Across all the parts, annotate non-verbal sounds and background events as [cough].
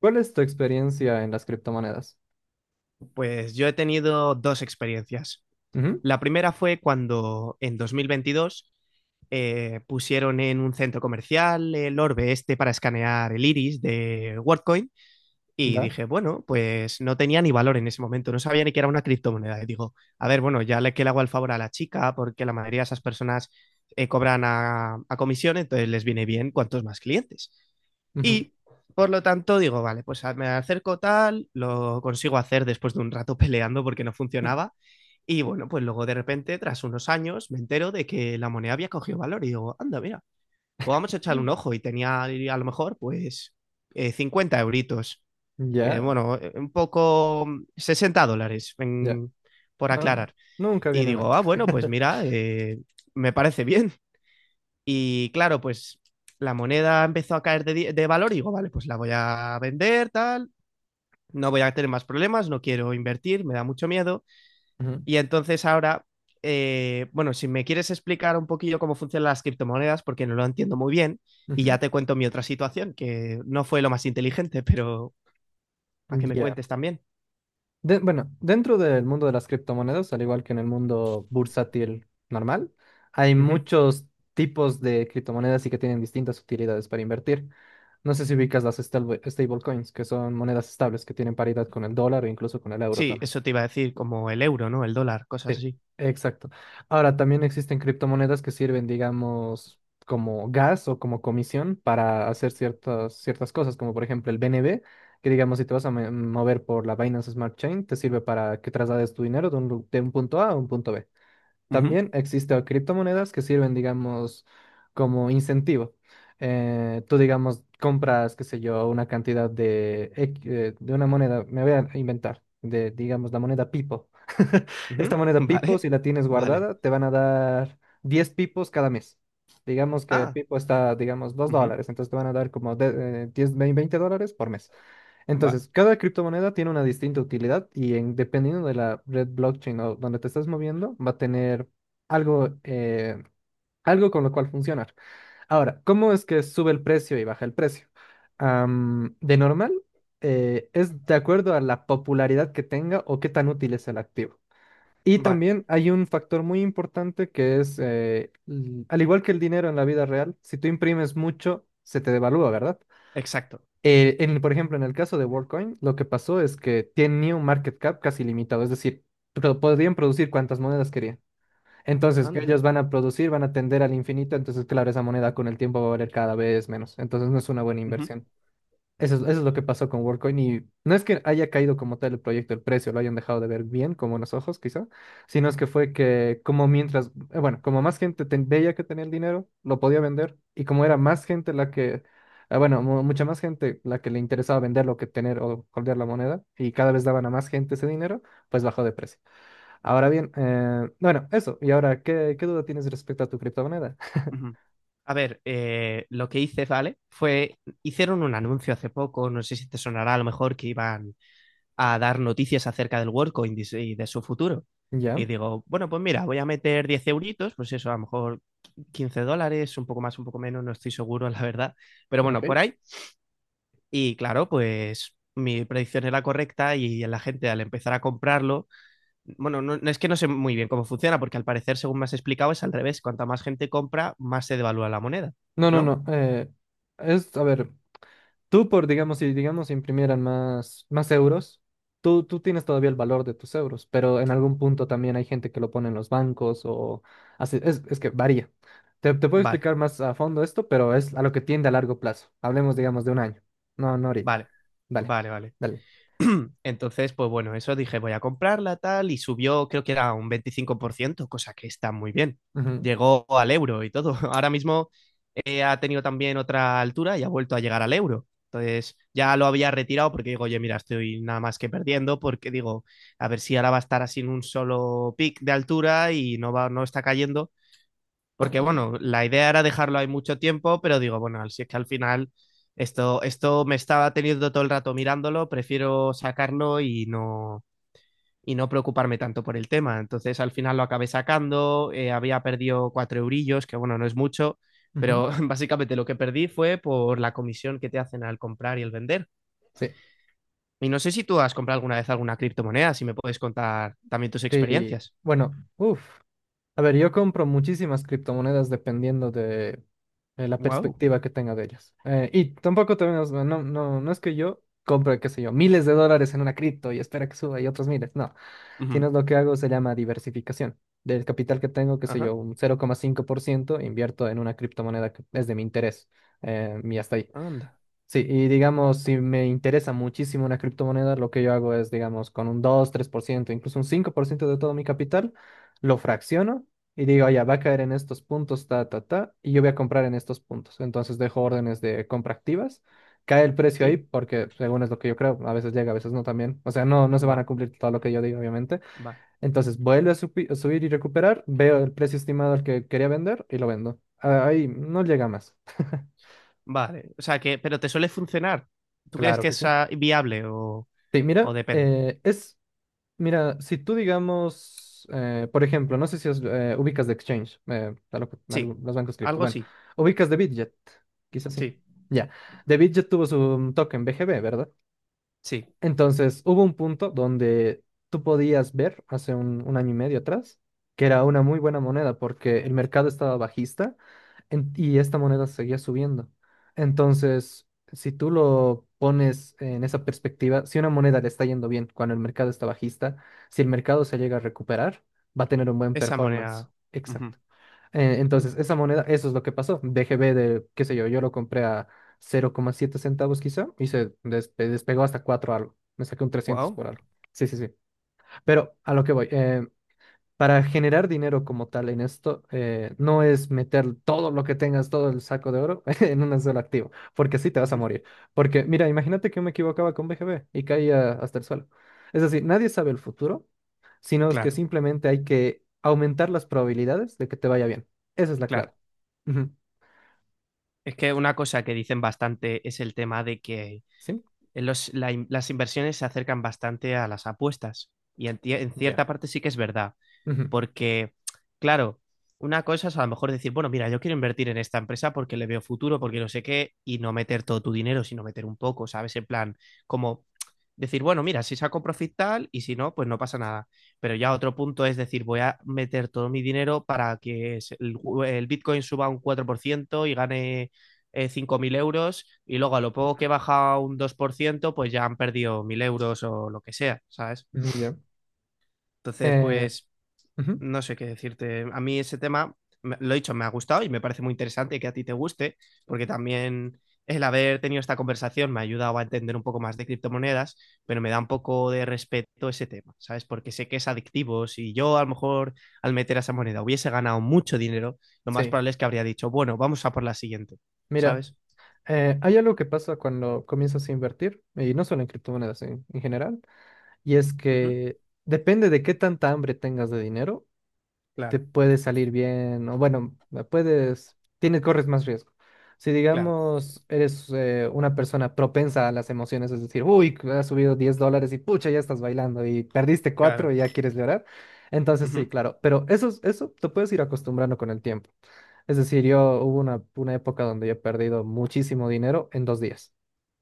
¿Cuál es tu experiencia en las criptomonedas? Pues yo he tenido dos experiencias. Ujú. La primera fue cuando en 2022 pusieron en un centro comercial el orbe este para escanear el iris de WorldCoin y ¿Da? dije, bueno, pues no tenía ni valor en ese momento, no sabía ni que era una criptomoneda. Y digo, a ver, bueno, ya le que le hago el favor a la chica porque la mayoría de esas personas cobran a comisión, entonces les viene bien cuantos más clientes. Ujú. Y por lo tanto digo, vale, pues me acerco tal, lo consigo hacer después de un rato [laughs] peleando porque no funcionaba. Y bueno, pues luego de repente, tras unos años, me entero de que la moneda había cogido valor y digo, anda, mira, pues vamos a echarle un [laughs] ojo. Y tenía a lo mejor pues 50 euritos, que Ya, bueno, un poco 60 dólares, ya. Por No, no, aclarar. nunca Y viene mal. digo, ah, bueno, pues [laughs] mira, me parece bien. Y claro, pues la moneda empezó a caer de valor y digo, vale, pues la voy a vender, tal, no voy a tener más problemas, no quiero invertir, me da mucho miedo. Ujú, Y entonces ahora, bueno, si me quieres explicar un poquillo cómo funcionan las criptomonedas, porque no lo entiendo muy bien, y ujú. ya te cuento mi otra situación, que no fue lo más inteligente, pero para que me Ya. cuentes también. Bueno, dentro del mundo de las criptomonedas, al igual que en el mundo bursátil normal, hay Ujú. muchos tipos de criptomonedas y que tienen distintas utilidades para invertir. No sé si ubicas las stablecoins, que son monedas estables que tienen paridad con el dólar o incluso con el euro Sí, también. eso te iba a decir, como el euro, ¿no? El dólar, cosas Sí, así. exacto. Ahora, también existen criptomonedas que sirven, digamos, como gas o como comisión para hacer ciertas, ciertas cosas, como por ejemplo el BNB, que digamos, si te vas a mover por la Binance Smart Chain, te sirve para que traslades tu dinero de un, de un punto A a un punto B. Ujú, También existen criptomonedas que sirven, digamos, como incentivo. Tú, digamos, compras, qué sé yo, una cantidad de, de una moneda, me voy a inventar, de, digamos, la moneda Pipo. [laughs] ujú, Esta [laughs] moneda Pipo, vale, si la tienes vale. guardada, te van a dar 10 pipos cada mes. Digamos que el Ah, pipo está, digamos, dos ujú, dólares, entonces te van a dar como 10, $20 por mes. va, Entonces, cada criptomoneda tiene una distinta utilidad y dependiendo de la red blockchain o donde te estás moviendo, va a tener algo, algo con lo cual funcionar. Ahora, ¿cómo es que sube el precio y baja el precio? De normal, es de acuerdo a la popularidad que tenga o qué tan útil es el activo. Y va, también hay un factor muy importante que es, al igual que el dinero en la vida real, si tú imprimes mucho, se te devalúa, ¿verdad? exacto. Por ejemplo, en el caso de WorldCoin, lo que pasó es que tenía un market cap casi limitado, es decir, podían producir cuantas monedas querían. Entonces, que Anda. ellos van a producir, van a tender al infinito, entonces, claro, esa moneda con el tiempo va a valer cada vez menos. Entonces, no es una buena Ujú, inversión. Eso es lo que pasó con WorldCoin y no es que haya caído como tal el proyecto, el precio, lo hayan dejado de ver bien, como unos ojos quizá, sino es que fue que como mientras, bueno, como más gente veía que tenía el dinero, lo podía vender y como era más gente la que, bueno, mucha más gente la que le interesaba venderlo que tener o holdear la moneda y cada vez daban a más gente ese dinero, pues bajó de precio. Ahora bien, bueno, eso. Y ahora, ¿qué duda tienes respecto a tu criptomoneda? [laughs] ujú. A ver, lo que hice, ¿vale? Fue, hicieron un anuncio hace poco, no sé si te sonará a lo mejor que iban a dar noticias acerca del WorldCoin y de su futuro. ¿Ya? Y digo, bueno, pues mira, voy a meter 10 euritos, pues eso, a lo mejor 15 dólares, un poco más, un poco menos, no estoy seguro, [laughs] la verdad. Pero bueno, por Ok. ahí. Y claro, pues mi predicción era correcta y la gente al empezar a comprarlo, bueno, es que no sé muy bien cómo funciona, porque al parecer, según me has explicado, es al revés. Cuanta más gente compra, más se devalúa la moneda, No, no, ¿no? no. Es, a ver. Tú, por, digamos, si digamos imprimieran más, más euros, tú tienes todavía el valor de tus euros, pero en algún punto también hay gente que lo pone en los bancos o así, es que varía. Te puedo Vale, explicar más a fondo esto, pero es a lo que tiende a largo plazo. Hablemos, digamos, de un año. No, no ahorita. vale, Dale, vale, vale. dale. Entonces, pues bueno, eso dije, voy a comprarla tal, y subió, creo que era un 25%, cosa que está muy bien. Ujú, Llegó al euro y todo. [laughs] Ahora mismo ha tenido también otra altura y ha vuelto a llegar al euro. Entonces, ya lo había retirado porque digo, oye, mira, estoy nada más que perdiendo, porque digo, a ver si ahora va a estar así en un solo pic de altura y no va, no está cayendo. Porque bueno, la idea era dejarlo ahí mucho tiempo, pero digo, bueno, si es que al final esto me estaba teniendo todo el rato mirándolo, prefiero sacarlo y no preocuparme tanto por el tema. Entonces al final lo acabé sacando, había perdido 4 eurillos, que bueno, no es mucho, ujú. pero [laughs] básicamente lo que perdí fue por la comisión que te hacen al comprar y el vender. Sí, Y no sé si tú has comprado alguna vez alguna criptomoneda, si me puedes contar también tus sí. experiencias. Bueno, uff. A ver, yo compro muchísimas criptomonedas dependiendo de la Wow. perspectiva que tenga de ellas. Y tampoco te no, no, no es que yo compre, qué sé yo, miles de dólares en una cripto y espera que suba y otros miles. No, Ujú. sino lo que hago se llama diversificación. Del capital que tengo, qué sé Ajá. yo, un 0,5% invierto en una criptomoneda que es de mi interés. Y hasta ahí. Anda. Sí, y digamos, si me interesa muchísimo una criptomoneda, lo que yo hago es, digamos, con un dos tres por ciento incluso un 5% de todo mi capital, lo fracciono y digo, ya va a caer en estos puntos, ta, ta, ta, y yo voy a comprar en estos puntos. Entonces dejo órdenes de compra activas, cae el precio ahí, Sí. porque según es lo que yo creo, a veces llega, a veces no también. O sea, no, no se van Va, a cumplir todo lo que yo digo, obviamente. va. Entonces vuelve a subir y recuperar, veo el precio estimado al que quería vender y lo vendo. Ah, ahí no llega más. [laughs] Vale, o sea que, pero ¿te suele funcionar? ¿Tú crees Claro que que es sí. Viable Sí, o mira, depende? Es, mira, si tú digamos, por ejemplo, no sé si os, ubicas de Exchange, a lo que- a lo- Sí, los bancos cripto, algo bueno, sí, ubicas de Bitget, quizás sí, sí, ya, de Bitget tuvo su token BGB, ¿verdad? sí, Entonces, hubo un punto donde tú podías ver, hace un año y medio atrás, que era una muy buena moneda porque el mercado estaba bajista y esta moneda seguía subiendo. Entonces, si tú lo pones en esa perspectiva, si una moneda le está yendo bien cuando el mercado está bajista, si el mercado se llega a recuperar, va a tener un buen esa performance. moneda. Ujú. Exacto. Entonces, Anda, esa moneda, eso es lo que pasó. BGB de, qué sé yo, yo lo compré a 0,7 centavos quizá y se despegó hasta 4 algo. Me saqué un trescientos wow, por algo. Sí, sí, sí. Pero a lo que voy. Para generar dinero como tal en esto, no es meter todo lo que tengas, todo el saco de oro [laughs] en un solo activo, porque así te vas a ujú. morir. Porque, mira, imagínate que yo me equivocaba con BGB y caía hasta el suelo. Es decir, nadie sabe el futuro, sino es que Claro, simplemente hay que aumentar las probabilidades de que te vaya bien. Esa es la clave. claro. Ujú. Es que una cosa que dicen bastante es el tema de que ¿Sí? Las inversiones se acercan bastante a las apuestas y en Ya. cierta parte sí que es verdad. Ujú. Porque, claro, una cosa es a lo mejor decir, bueno, mira, yo quiero invertir en esta empresa porque le veo futuro, porque no sé qué, y no meter todo tu dinero, sino meter un poco, ¿sabes? En plan, como decir, bueno, mira, si saco profit tal y si no, pues no pasa nada. Pero ya otro punto es decir, voy a meter todo mi dinero para que el Bitcoin suba un 4% y gane 5.000 euros y luego a lo poco Ujú. que baja un 2% pues ya han perdido 1.000 euros o lo que sea, ¿sabes? Mm. Ya. Entonces, Eh, pues ujú. no sé qué decirte. A mí ese tema, lo he dicho, me ha gustado y me parece muy interesante que a ti te guste, porque también el haber tenido esta conversación me ha ayudado a entender un poco más de criptomonedas, pero me da un poco de respeto ese tema, ¿sabes? Porque sé que es adictivo. Si yo a lo mejor al meter a esa moneda hubiese ganado mucho dinero, lo más Sí. probable es que habría dicho, bueno, vamos a por la siguiente, Mira, ¿sabes? Hay algo que pasa cuando comienzas a invertir, y no solo en criptomonedas en general. Y es Ujú, que depende de qué tanta hambre tengas de dinero, te claro, puede salir bien, o bueno, puedes, tienes, corres más riesgo. Si claro, digamos, eres una persona propensa a las emociones, es decir, uy, que has subido $10 y pucha, ya estás bailando y perdiste cuatro claro. y ya quieres llorar. Entonces sí, Ujú. claro, pero eso, eso te puedes ir acostumbrando con el tiempo. Es decir, yo hubo una época donde yo he perdido muchísimo dinero en 2 días.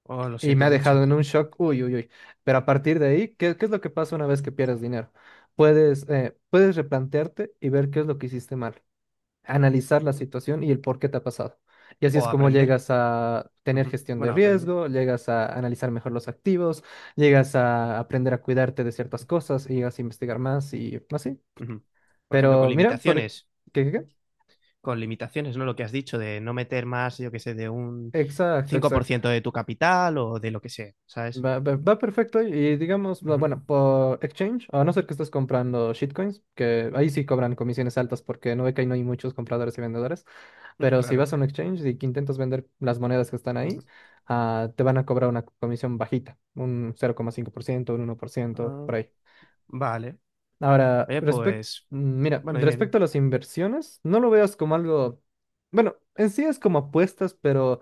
Oh, lo Y me siento ha mucho. dejado en un shock, uy, uy, uy. Pero a partir de ahí, ¿qué es lo que pasa una vez que pierdes dinero? Puedes, puedes replantearte y ver qué es lo que hiciste mal, analizar la situación y el por qué te ha pasado. Y así O es como aprender. llegas a tener Ujú. gestión de Bueno, aprender. riesgo, llegas a analizar mejor los activos, llegas a aprender a cuidarte de ciertas cosas y llegas a investigar más y así. Ujú. Por ejemplo, con Pero mira, por... limitaciones. ¿Qué, qué, qué? Con limitaciones, ¿no? Lo que has dicho de no meter más, yo qué sé, de un Exacto, cinco por exacto. ciento de tu capital o de lo que sea, ¿sabes? Va, va perfecto y digamos, Ujú, bueno, por exchange, a no ser que estés comprando shitcoins, que ahí sí cobran comisiones altas porque no ve que ahí no hay muchos compradores y vendedores, [laughs] pero si claro. vas a un exchange y que intentas vender las monedas que están Ujú. ahí, ah, te van a cobrar una comisión bajita, un 0,5%, un 1% Ah, por ahí. vale. Ahora, Oye, respecto, pues, mira, bueno, dime, dime. respecto a las inversiones, no lo veas como algo, bueno, en sí es como apuestas, pero...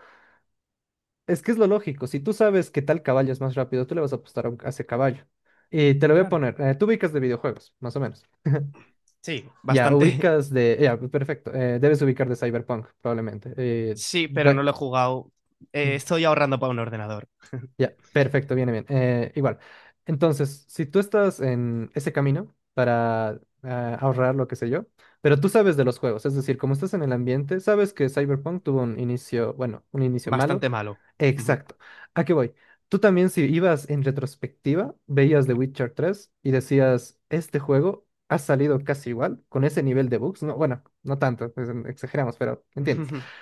Es que es lo lógico. Si tú sabes que tal caballo es más rápido, tú le vas a apostar a ese caballo. Y te lo voy a Claro. poner. Tú ubicas de videojuegos, más o menos. [laughs] Sí, Ya, bastante. [laughs] ubicas de... Ya, perfecto. Debes ubicar de Cyberpunk, probablemente. Sí, pero no lo he jugado. Estoy ahorrando para un ordenador. Ya, perfecto, viene bien. Igual. Entonces, si tú estás en ese camino para ahorrar lo que sé yo, pero tú sabes de los juegos, es decir, como estás en el ambiente, sabes que Cyberpunk tuvo un inicio, bueno, un inicio malo. Bastante malo. Ujú. Exacto. ¿A qué voy? Tú también si ibas en retrospectiva, veías The Witcher 3 y decías, este juego ha salido casi igual, con ese nivel de bugs. No, bueno, no tanto, pues, exageramos, pero entiendes. [laughs]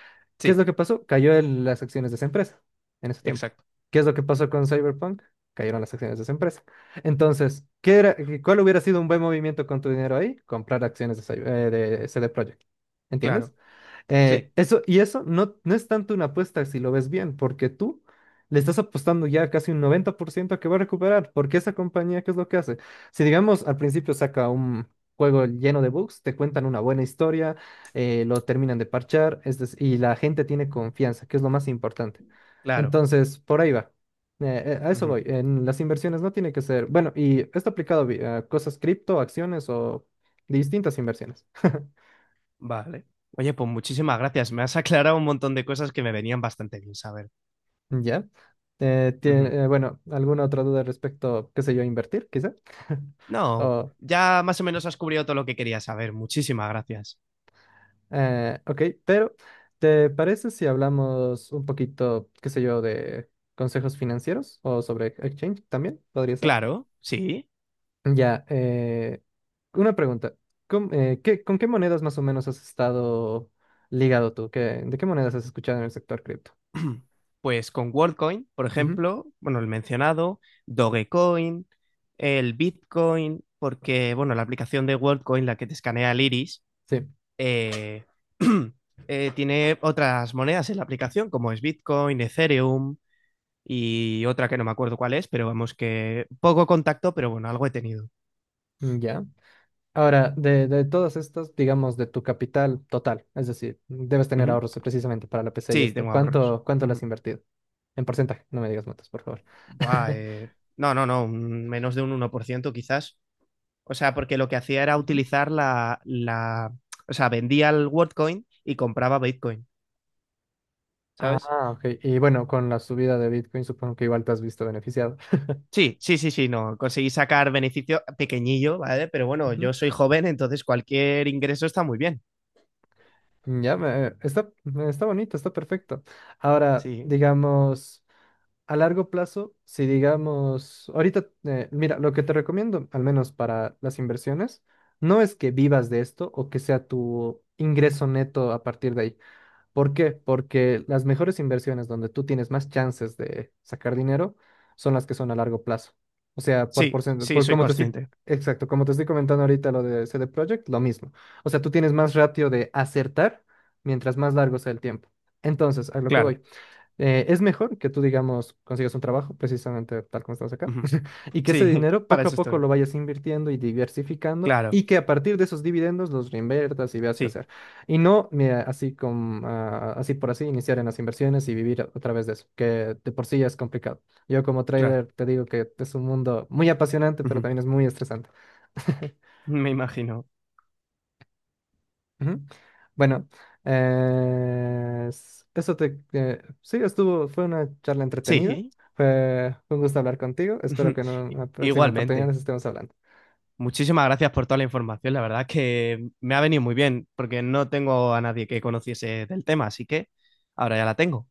¿Qué es lo Sí, que pasó? Cayó las acciones de esa empresa en ese tiempo. exacto. ¿Qué es lo que pasó con Cyberpunk? Cayeron las acciones de esa empresa. Entonces, ¿qué era, cuál hubiera sido un buen movimiento con tu dinero ahí? Comprar acciones de, de CD Projekt. Claro. ¿Entiendes? Eh, Sí, eso, y eso no, no es tanto una apuesta si lo ves bien, porque tú le estás apostando ya casi un 90% a que va a recuperar, porque esa compañía, ¿qué es lo que hace? Si digamos al principio saca un juego lleno de bugs, te cuentan una buena historia, lo terminan de parchar, y la gente tiene confianza, que es lo más importante. claro. Entonces, por ahí va. A eso Ujú. voy. En las inversiones no tiene que ser, bueno, y esto aplicado a cosas cripto, acciones o distintas inversiones. [laughs] Vale. Oye, pues muchísimas gracias. Me has aclarado un montón de cosas que me venían bastante bien saber. Ya. Eh, Ujú. tie- eh, bueno, ¿alguna otra duda respecto, qué sé yo, a invertir, quizá? [laughs] No, O, ya más o menos has cubrido todo lo que quería saber. Muchísimas gracias. Ok, pero ¿te parece si hablamos un poquito, qué sé yo, de consejos financieros o sobre exchange también? ¿Podría ser? Claro, sí. Ya, una pregunta. ¿Con qué monedas más o menos has estado ligado tú? ¿De qué monedas has escuchado en el sector cripto? [clears throat] Pues con WorldCoin, por Ujú. ejemplo, bueno, el mencionado, Dogecoin, el Bitcoin, porque, bueno, la aplicación de WorldCoin, la que te escanea el iris, Sí, eh, [clears throat] tiene otras monedas en la aplicación, como es Bitcoin, Ethereum y otra que no me acuerdo cuál es, pero vamos que poco contacto, pero bueno, algo he tenido. ya. Ahora, de, todas estas, digamos, de tu capital total, es decir, debes tener Ujú. ahorros precisamente para la PC y Sí, esto. tengo ahorros. ¿Cuánto le has Ujú. invertido? En porcentaje, no me digas motos, por favor. Buah, [laughs] no, no, no, menos de un 1% quizás. O sea, porque lo que hacía era Ujú. utilizar o sea, vendía el WorldCoin y compraba Bitcoin, ¿sabes? Ah, ok. Y bueno, con la subida de Bitcoin supongo que igual te has visto beneficiado. [laughs] Sí, sí, sí, sí, no, conseguí sacar beneficio pequeñillo, ¿vale? Pero bueno, Ujú. yo soy joven, entonces cualquier ingreso está muy bien. Ya, está, está bonito, está perfecto. Ahora, Sí, digamos... A largo plazo, si digamos, ahorita, mira, lo que te recomiendo, al menos para las inversiones, no es que vivas de esto o que sea tu ingreso neto a partir de ahí. ¿Por qué? Porque las mejores inversiones donde tú tienes más chances de sacar dinero son las que son a largo plazo. O sea, por sí, porcentaje, sí, por soy como te estoy, consciente, exacto, como te estoy comentando ahorita lo de CD Projekt, lo mismo. O sea, tú tienes más ratio de acertar mientras más largo sea el tiempo. Entonces, a lo que claro. voy. Es mejor que tú, digamos, consigas un trabajo, precisamente tal como estás acá, Ujú. [laughs] y que Sí, ese [laughs] dinero para poco a eso poco estoy, lo vayas invirtiendo y diversificando, claro, y que a partir de esos dividendos los reinviertas y veas qué sí, hacer. Y no, mira, así como, ah, así por así, iniciar en las inversiones y vivir a través de eso, que de por sí ya es complicado. Yo como claro. trader te digo que es un mundo muy apasionante, pero Ujú. también es muy estresante. [laughs] Me imagino. Ujú. Bueno, eso te... sí, estuvo, fue una charla entretenida. Sí, Fue un gusto hablar contigo. Espero que en [laughs] una próxima oportunidad igualmente. nos estemos hablando. Muchísimas gracias por toda la información. La verdad es que me ha venido muy bien porque no tengo a nadie que conociese del tema, así que ahora ya la tengo.